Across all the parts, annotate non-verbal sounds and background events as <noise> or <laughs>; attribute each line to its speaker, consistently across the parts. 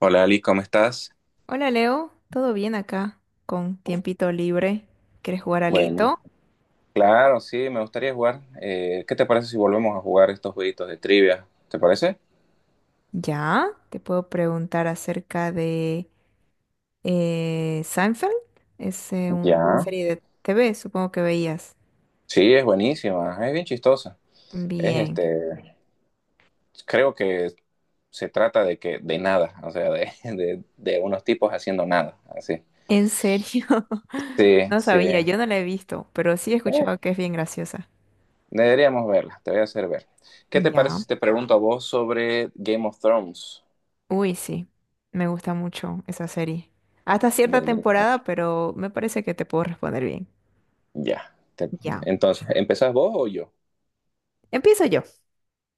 Speaker 1: Hola Ali, ¿cómo estás?
Speaker 2: Hola Leo, ¿todo bien acá? Con tiempito libre, ¿quieres jugar
Speaker 1: Bueno,
Speaker 2: alito?
Speaker 1: claro, sí, me gustaría jugar. ¿Qué te parece si volvemos a jugar estos jueguitos de trivia? ¿Te parece?
Speaker 2: Ya, te puedo preguntar acerca de Seinfeld. Es una
Speaker 1: Ya.
Speaker 2: serie de TV, supongo que veías.
Speaker 1: Sí, es buenísima, es bien chistosa. Es
Speaker 2: Bien,
Speaker 1: este, creo que se trata de que de nada, o sea, <laughs> de unos tipos haciendo nada, así.
Speaker 2: ¿en serio? <laughs>
Speaker 1: Sí,
Speaker 2: No
Speaker 1: sí.
Speaker 2: sabía, yo no la he visto, pero sí he escuchado que es bien graciosa.
Speaker 1: Deberíamos verla, te voy a hacer ver. ¿Qué te parece
Speaker 2: Ya,
Speaker 1: si te pregunto a vos sobre Game of Thrones?
Speaker 2: uy, sí, me gusta mucho esa serie. Hasta cierta
Speaker 1: Buenísimo.
Speaker 2: temporada, pero me parece que te puedo responder bien.
Speaker 1: Ya.
Speaker 2: Ya,
Speaker 1: Entonces, ¿empezás vos o yo?
Speaker 2: empiezo yo.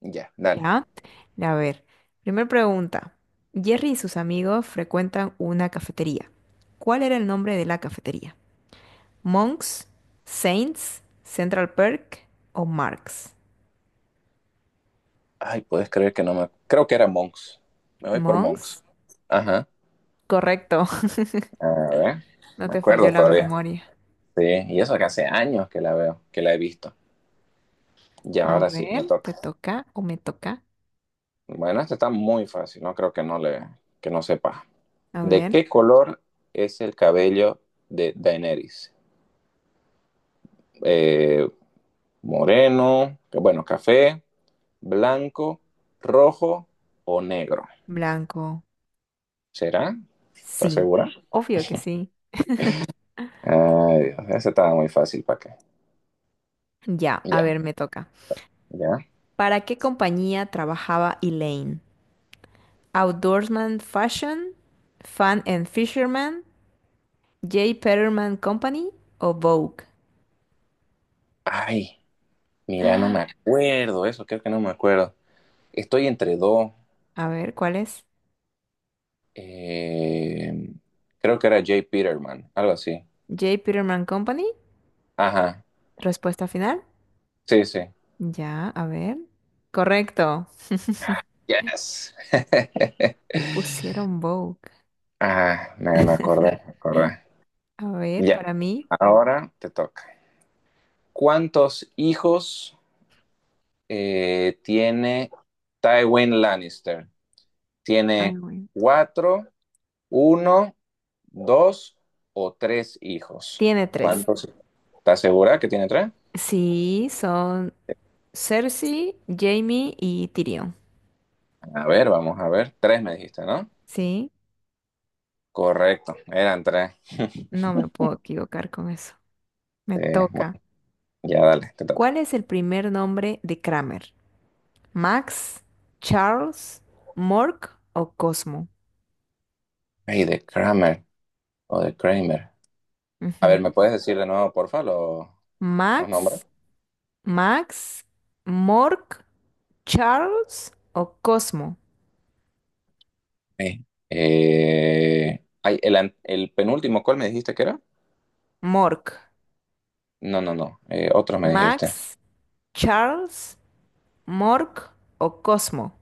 Speaker 1: Ya, dale.
Speaker 2: Ya, a ver, primera pregunta. Jerry y sus amigos frecuentan una cafetería. ¿Cuál era el nombre de la cafetería? ¿Monks, Saints, Central Perk o Marx?
Speaker 1: Ay, puedes creer que no me... Creo que era Monks. Me voy por Monks.
Speaker 2: Monks,
Speaker 1: Ajá.
Speaker 2: correcto,
Speaker 1: A ver,
Speaker 2: <laughs> no
Speaker 1: me
Speaker 2: te
Speaker 1: acuerdo
Speaker 2: falló la
Speaker 1: todavía.
Speaker 2: memoria.
Speaker 1: Sí, y eso que hace años que la veo, que la he visto. Y
Speaker 2: A
Speaker 1: ahora sí, me
Speaker 2: ver, ¿te
Speaker 1: toca.
Speaker 2: toca o me toca?
Speaker 1: Bueno, esta está muy fácil, no creo que no le, que no sepa.
Speaker 2: A
Speaker 1: ¿De
Speaker 2: ver,
Speaker 1: qué color es el cabello de Daenerys? Eh, café, blanco, rojo o negro.
Speaker 2: blanco.
Speaker 1: ¿Será? ¿Estás
Speaker 2: Sí,
Speaker 1: segura?
Speaker 2: obvio que sí.
Speaker 1: Ay, Dios, esa estaba muy fácil para qué.
Speaker 2: Ya, a
Speaker 1: Ya.
Speaker 2: ver, me toca.
Speaker 1: ¿Ya?
Speaker 2: ¿Para qué compañía trabajaba Elaine? ¿Outdoorsman Fashion? ¿Fan and Fisherman? J. Peterman Company o Vogue.
Speaker 1: Ay, mira, no me acuerdo eso, creo que no me acuerdo. Estoy entre dos.
Speaker 2: A ver, ¿cuál es?
Speaker 1: eh, Creo que era Jay Peterman, algo así.
Speaker 2: J. Peterman Company.
Speaker 1: Ajá,
Speaker 2: Respuesta final.
Speaker 1: sí, sí.
Speaker 2: Ya, a ver. Correcto.
Speaker 1: Ah, Yes. <laughs>
Speaker 2: Pusieron Vogue.
Speaker 1: Ah, me acordé, me acordé.
Speaker 2: A ver,
Speaker 1: Ya,
Speaker 2: para mí.
Speaker 1: ahora te toca. ¿Cuántos hijos tiene Tywin Lannister?
Speaker 2: Ay,
Speaker 1: Tiene
Speaker 2: güey,
Speaker 1: cuatro, uno dos o tres hijos.
Speaker 2: tiene tres.
Speaker 1: ¿Cuántos? ¿Estás segura que tiene tres?
Speaker 2: Sí, son Cersei, Jamie y Tyrion.
Speaker 1: A ver, vamos a ver. Tres me dijiste, ¿no?
Speaker 2: Sí,
Speaker 1: Correcto, eran tres.
Speaker 2: no me puedo equivocar con eso. Me
Speaker 1: Bueno,
Speaker 2: toca.
Speaker 1: ya dale, te toca.
Speaker 2: ¿Cuál es el primer nombre de Kramer? ¿Max, Charles, Mork o Cosmo?
Speaker 1: Ay, de Kramer o de Kramer. A ver, ¿me
Speaker 2: Ujú.
Speaker 1: puedes decir de nuevo, porfa, los nombres?
Speaker 2: Max. Max, Mork, Charles o Cosmo.
Speaker 1: Sí. El penúltimo, ¿cuál me dijiste que era?
Speaker 2: Mork.
Speaker 1: No, no, no. Otro me dijiste.
Speaker 2: Max, Charles, Mork o Cosmo.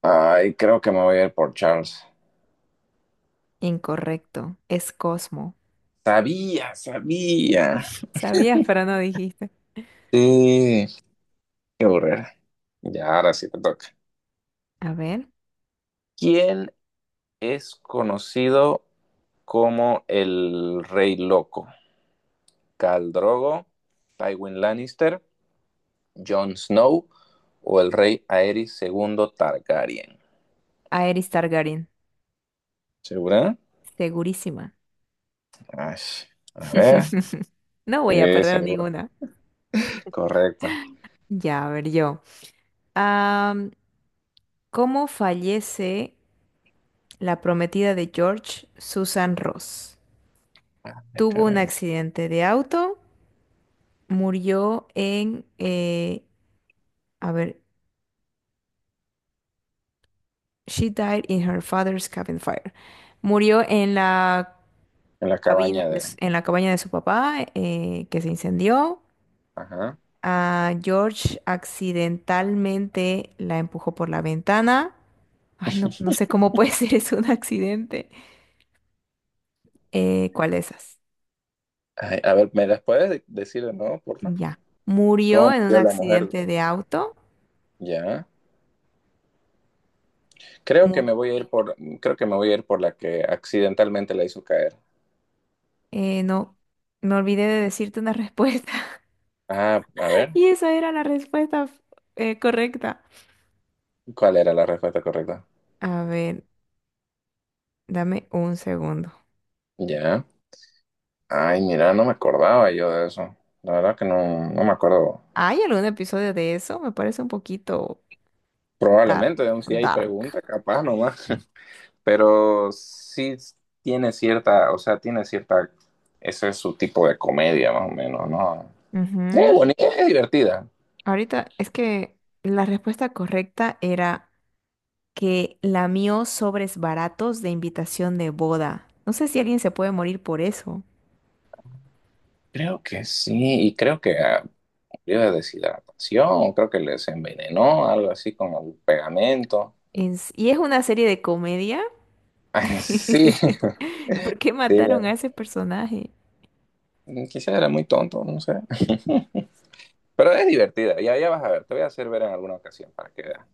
Speaker 1: Ay, creo que me voy a ir por Charles.
Speaker 2: Incorrecto, es Cosmo.
Speaker 1: Sabía, sabía.
Speaker 2: Sabías, pero no dijiste.
Speaker 1: Sí. Qué aburrida. Ya, ahora sí te toca.
Speaker 2: A ver,
Speaker 1: ¿Quién es conocido como el Rey Loco? ¿Khal Drogo, Tywin Lannister, Jon Snow o el Rey Aerys segundo Targaryen?
Speaker 2: Aerys Targaryen.
Speaker 1: ¿Segura?
Speaker 2: Segurísima.
Speaker 1: Ay, a ver.
Speaker 2: <laughs> No voy a
Speaker 1: Sí,
Speaker 2: perder
Speaker 1: seguro.
Speaker 2: ninguna.
Speaker 1: Correcto.
Speaker 2: Ya, a ver yo. Am, ¿Cómo fallece la prometida de George, Susan Ross?
Speaker 1: Ay,
Speaker 2: ¿Tuvo un
Speaker 1: caray.
Speaker 2: accidente de auto? Murió en a ver, she died in her father's cabin fire. Murió en la
Speaker 1: En la cabaña de...
Speaker 2: en la cabaña de su papá, que se incendió.
Speaker 1: Ajá.
Speaker 2: A George accidentalmente la empujó por la ventana. Ay, no, no sé cómo puede <laughs> ser eso un accidente. ¿Cuál de esas?
Speaker 1: Ay, a ver, ¿me las puedes decir de nuevo, porfa?
Speaker 2: Ya. Murió
Speaker 1: ¿Cómo
Speaker 2: en un
Speaker 1: murió la mujer?
Speaker 2: accidente de auto.
Speaker 1: Ya. Creo que me
Speaker 2: Murió.
Speaker 1: voy a ir por, creo que me voy a ir por la que accidentalmente la hizo caer.
Speaker 2: No, me olvidé de decirte una <laughs> respuesta.
Speaker 1: Ah, a ver,
Speaker 2: Y esa era la respuesta correcta.
Speaker 1: ¿cuál era la respuesta correcta?
Speaker 2: A ver, dame un segundo.
Speaker 1: Ya. Ay, mira, no me acordaba yo de eso. La verdad que no, no me acuerdo.
Speaker 2: ¿Hay algún episodio de eso? Me parece un poquito dark.
Speaker 1: Probablemente, aún si hay
Speaker 2: Dark.
Speaker 1: pregunta, capaz nomás. <laughs> Pero sí tiene cierta, o sea, tiene cierta, ese es su tipo de comedia más o menos, ¿no? Es
Speaker 2: Ujú.
Speaker 1: bonita, es divertida.
Speaker 2: Ahorita es que la respuesta correcta era que lamió sobres baratos de invitación de boda. No sé si alguien se puede morir por eso.
Speaker 1: Creo que sí, y creo que ah, sufrió de deshidratación, creo que les envenenó, algo así con el pegamento.
Speaker 2: Y es una serie de comedia.
Speaker 1: Ay, sí, <laughs> sí,
Speaker 2: <laughs> ¿Por qué mataron a
Speaker 1: la-
Speaker 2: ese personaje?
Speaker 1: quizás era muy tonto, no sé. <laughs> Pero es divertida, ya, ya vas a ver, te voy a hacer ver en alguna ocasión para que veas.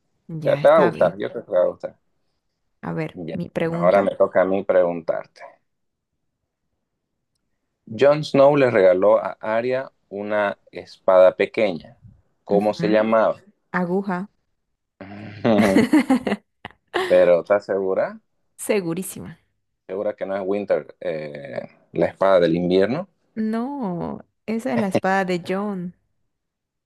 Speaker 2: Ya,
Speaker 1: Te va a
Speaker 2: está bien.
Speaker 1: gustar, yo creo que te va a gustar.
Speaker 2: A ver,
Speaker 1: Ya,
Speaker 2: mi
Speaker 1: ahora
Speaker 2: pregunta.
Speaker 1: me toca a mí preguntarte. Jon Snow le regaló a Arya una espada pequeña. ¿Cómo se
Speaker 2: Ujú.
Speaker 1: llamaba?
Speaker 2: Aguja.
Speaker 1: <laughs>
Speaker 2: <laughs>
Speaker 1: Pero ¿estás segura?
Speaker 2: Segurísima.
Speaker 1: ¿Segura que no es Winter, la espada del invierno?
Speaker 2: No, esa es la espada de John.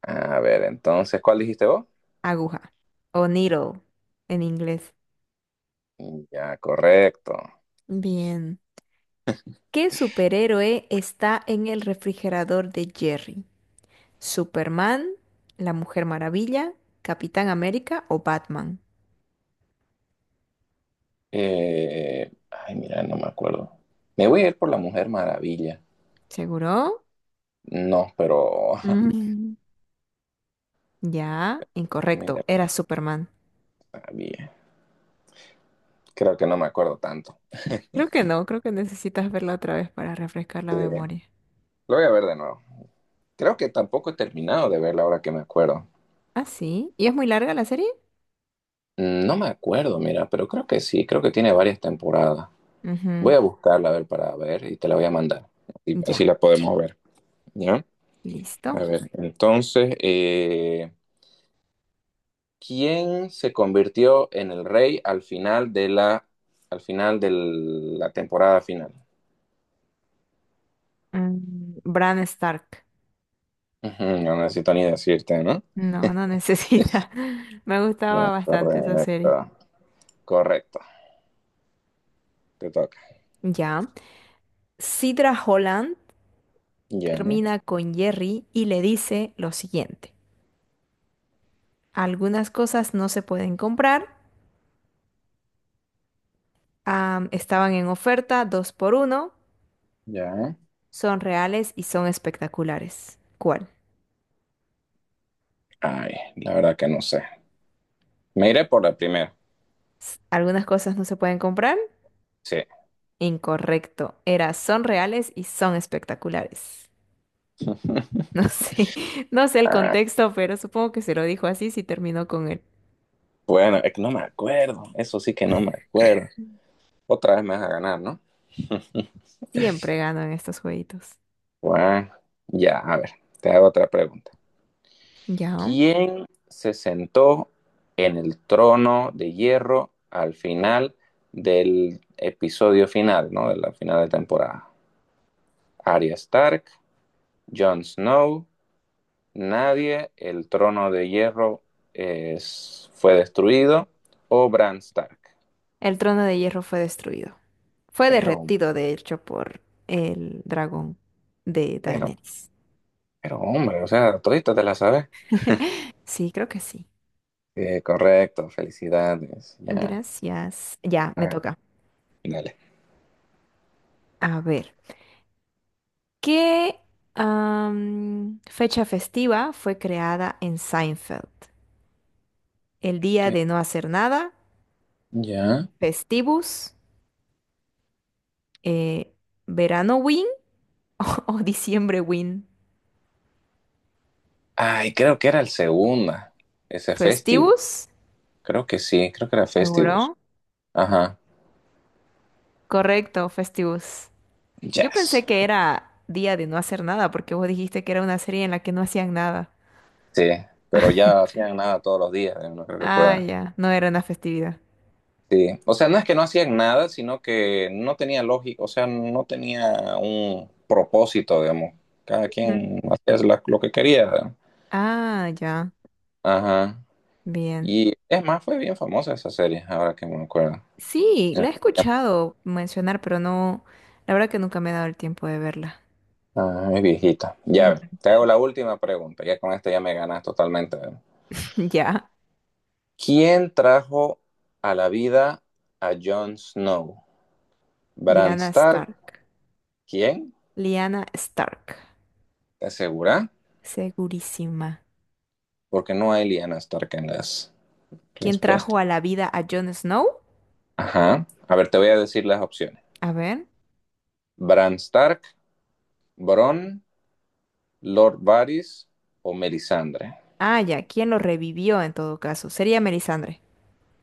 Speaker 1: A ver, entonces, ¿cuál dijiste vos?
Speaker 2: Aguja. O needle en inglés.
Speaker 1: Ya, correcto.
Speaker 2: Bien. ¿Qué superhéroe está en el refrigerador de Jerry? ¿Superman, la Mujer Maravilla, Capitán América o Batman?
Speaker 1: Ay, mira, no me acuerdo. Me voy a ir por la Mujer Maravilla.
Speaker 2: ¿Seguro?
Speaker 1: No, pero <laughs>
Speaker 2: Mm, Ya,
Speaker 1: mira,
Speaker 2: incorrecto. Era Superman.
Speaker 1: Maravilla. Creo que no me acuerdo tanto.
Speaker 2: Creo que no, creo que necesitas verla otra vez para refrescar la
Speaker 1: Sí.
Speaker 2: memoria.
Speaker 1: Lo voy a ver de nuevo. Creo que tampoco he terminado de verla ahora que me acuerdo.
Speaker 2: ¿Ah, sí? ¿Y es muy larga la serie?
Speaker 1: Mm, no me acuerdo, mira, pero creo que sí, creo que tiene varias temporadas. Voy
Speaker 2: Ujú.
Speaker 1: a buscarla a ver para ver y te la voy a mandar y así
Speaker 2: Ya.
Speaker 1: la podemos ver. ¿Ya? A
Speaker 2: Listo.
Speaker 1: ver, entonces, ¿quién se convirtió en el rey al final de la, al final de la temporada final?
Speaker 2: Mm, Bran Stark.
Speaker 1: Ujú, no necesito ni decirte, ¿no?
Speaker 2: No, no necesita. <laughs> Me gustaba
Speaker 1: Ya,
Speaker 2: bastante esa
Speaker 1: correcto.
Speaker 2: serie.
Speaker 1: Correcto. Te toca.
Speaker 2: Ya. Sidra Holland
Speaker 1: Ya,
Speaker 2: termina con Jerry y le dice lo siguiente. Algunas cosas no se pueden comprar. Estaban en oferta, dos por uno.
Speaker 1: ya.
Speaker 2: Son reales y son espectaculares. ¿Cuál?
Speaker 1: Ay, la verdad que no sé. Me iré por la primera.
Speaker 2: Algunas cosas no se pueden comprar.
Speaker 1: Sí.
Speaker 2: Incorrecto. Era son reales y son espectaculares. No
Speaker 1: <laughs>
Speaker 2: sé, <laughs> no sé el
Speaker 1: Ah,
Speaker 2: contexto, pero supongo que se lo dijo así si terminó con él.
Speaker 1: bueno, es que no me acuerdo. Eso sí que no me acuerdo. Otra vez me vas a ganar, ¿no?
Speaker 2: Siempre gano en estos jueguitos.
Speaker 1: Bueno, ya, a ver. Te hago otra pregunta.
Speaker 2: Ya.
Speaker 1: ¿Quién se sentó en el trono de hierro al final del episodio final, ¿no? De la final de temporada. Arya Stark, Jon Snow, nadie, el trono de hierro fue destruido, o Bran Stark.
Speaker 2: El trono de hierro fue destruido. Fue
Speaker 1: Pero,
Speaker 2: derretido, de hecho, por el dragón de
Speaker 1: pero,
Speaker 2: Daenerys.
Speaker 1: pero, hombre, o sea, todita te la sabes.
Speaker 2: <laughs> Sí, creo que sí.
Speaker 1: Correcto, felicidades, ya.
Speaker 2: Gracias. Ya, me
Speaker 1: Ah,
Speaker 2: toca.
Speaker 1: dale.
Speaker 2: A ver, ¿qué fecha festiva fue creada en Seinfeld? ¿El día
Speaker 1: ¿Qué?
Speaker 2: de no hacer nada?
Speaker 1: Ya.
Speaker 2: ¿Festivus? Eh, ¿Verano <laughs> o diciembre, Win.
Speaker 1: Ay, creo que era el segundo, ese festival.
Speaker 2: Festivus,
Speaker 1: Creo que sí, creo que era Festivus.
Speaker 2: seguro.
Speaker 1: Ajá.
Speaker 2: Correcto, Festivus. Yo pensé
Speaker 1: Yes.
Speaker 2: que era día de no hacer nada, porque vos dijiste que era una serie en la que no hacían nada.
Speaker 1: Sí, pero ya hacían nada todos los días, no creo que
Speaker 2: Ah,
Speaker 1: puedan.
Speaker 2: ya, no era una festividad.
Speaker 1: Sí. O sea, no es que no hacían nada, sino que no tenía lógica, o sea, no tenía un propósito, digamos. Cada
Speaker 2: Ujú.
Speaker 1: quien hacía lo que quería, ¿verdad?
Speaker 2: Ah, ya,
Speaker 1: Ajá.
Speaker 2: bien.
Speaker 1: Y es más, fue bien famosa esa serie, ahora que me acuerdo.
Speaker 2: Sí, la he escuchado mencionar, pero no, la verdad que nunca me he dado el tiempo de verla.
Speaker 1: Ah, es viejita.
Speaker 2: Ujú.
Speaker 1: Ya,
Speaker 2: <laughs>
Speaker 1: te hago la última pregunta, ya con esta ya me ganas totalmente.
Speaker 2: Ya,
Speaker 1: ¿Quién trajo a la vida a Jon Snow? ¿Bran
Speaker 2: Liana
Speaker 1: Stark?
Speaker 2: Stark.
Speaker 1: ¿Quién?
Speaker 2: Liana Stark,
Speaker 1: ¿Te asegura?
Speaker 2: segurísima.
Speaker 1: Porque no hay Lyanna Stark en las
Speaker 2: ¿Quién trajo
Speaker 1: respuestas.
Speaker 2: a la vida a Jon Snow?
Speaker 1: Ajá. A ver, te voy a decir las opciones.
Speaker 2: A ver.
Speaker 1: Bran Stark, Bron, Lord Varys o Melisandre.
Speaker 2: Ah, ya, ¿quién lo revivió en todo caso? Sería Melisandre.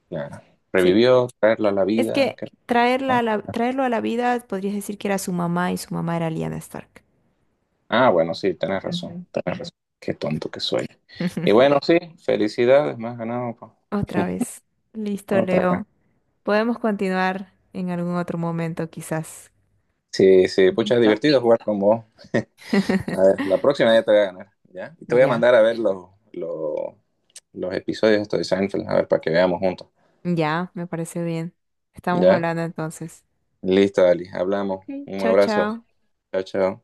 Speaker 1: Claro.
Speaker 2: Sí.
Speaker 1: Revivió, traerlo a la
Speaker 2: Es
Speaker 1: vida.
Speaker 2: que
Speaker 1: Qué.
Speaker 2: traerlo a la vida, podrías decir que era su mamá y su mamá era Lyanna Stark.
Speaker 1: Ah, bueno, sí, tenés razón.
Speaker 2: Ujú.
Speaker 1: Tenés razón. Qué tonto que soy. Y bueno,
Speaker 2: <laughs>
Speaker 1: sí, felicidades, más ganado, po.
Speaker 2: Otra vez. Listo,
Speaker 1: Otra.
Speaker 2: Leo. Podemos continuar en algún otro momento, quizás.
Speaker 1: Sí, sí, pucha,
Speaker 2: ¿Listo?
Speaker 1: divertido jugar con vos. A
Speaker 2: <laughs>
Speaker 1: ver, la próxima ya te voy a ganar, ¿ya? Y te voy a
Speaker 2: Ya,
Speaker 1: mandar a ver los episodios estos de Seinfeld, a ver, para que veamos juntos,
Speaker 2: ya, me parece bien. Estamos
Speaker 1: ¿ya?
Speaker 2: hablando entonces.
Speaker 1: Listo, Ali, hablamos.
Speaker 2: Ok.
Speaker 1: Un
Speaker 2: Chao,
Speaker 1: abrazo.
Speaker 2: chao.
Speaker 1: Chao, chao.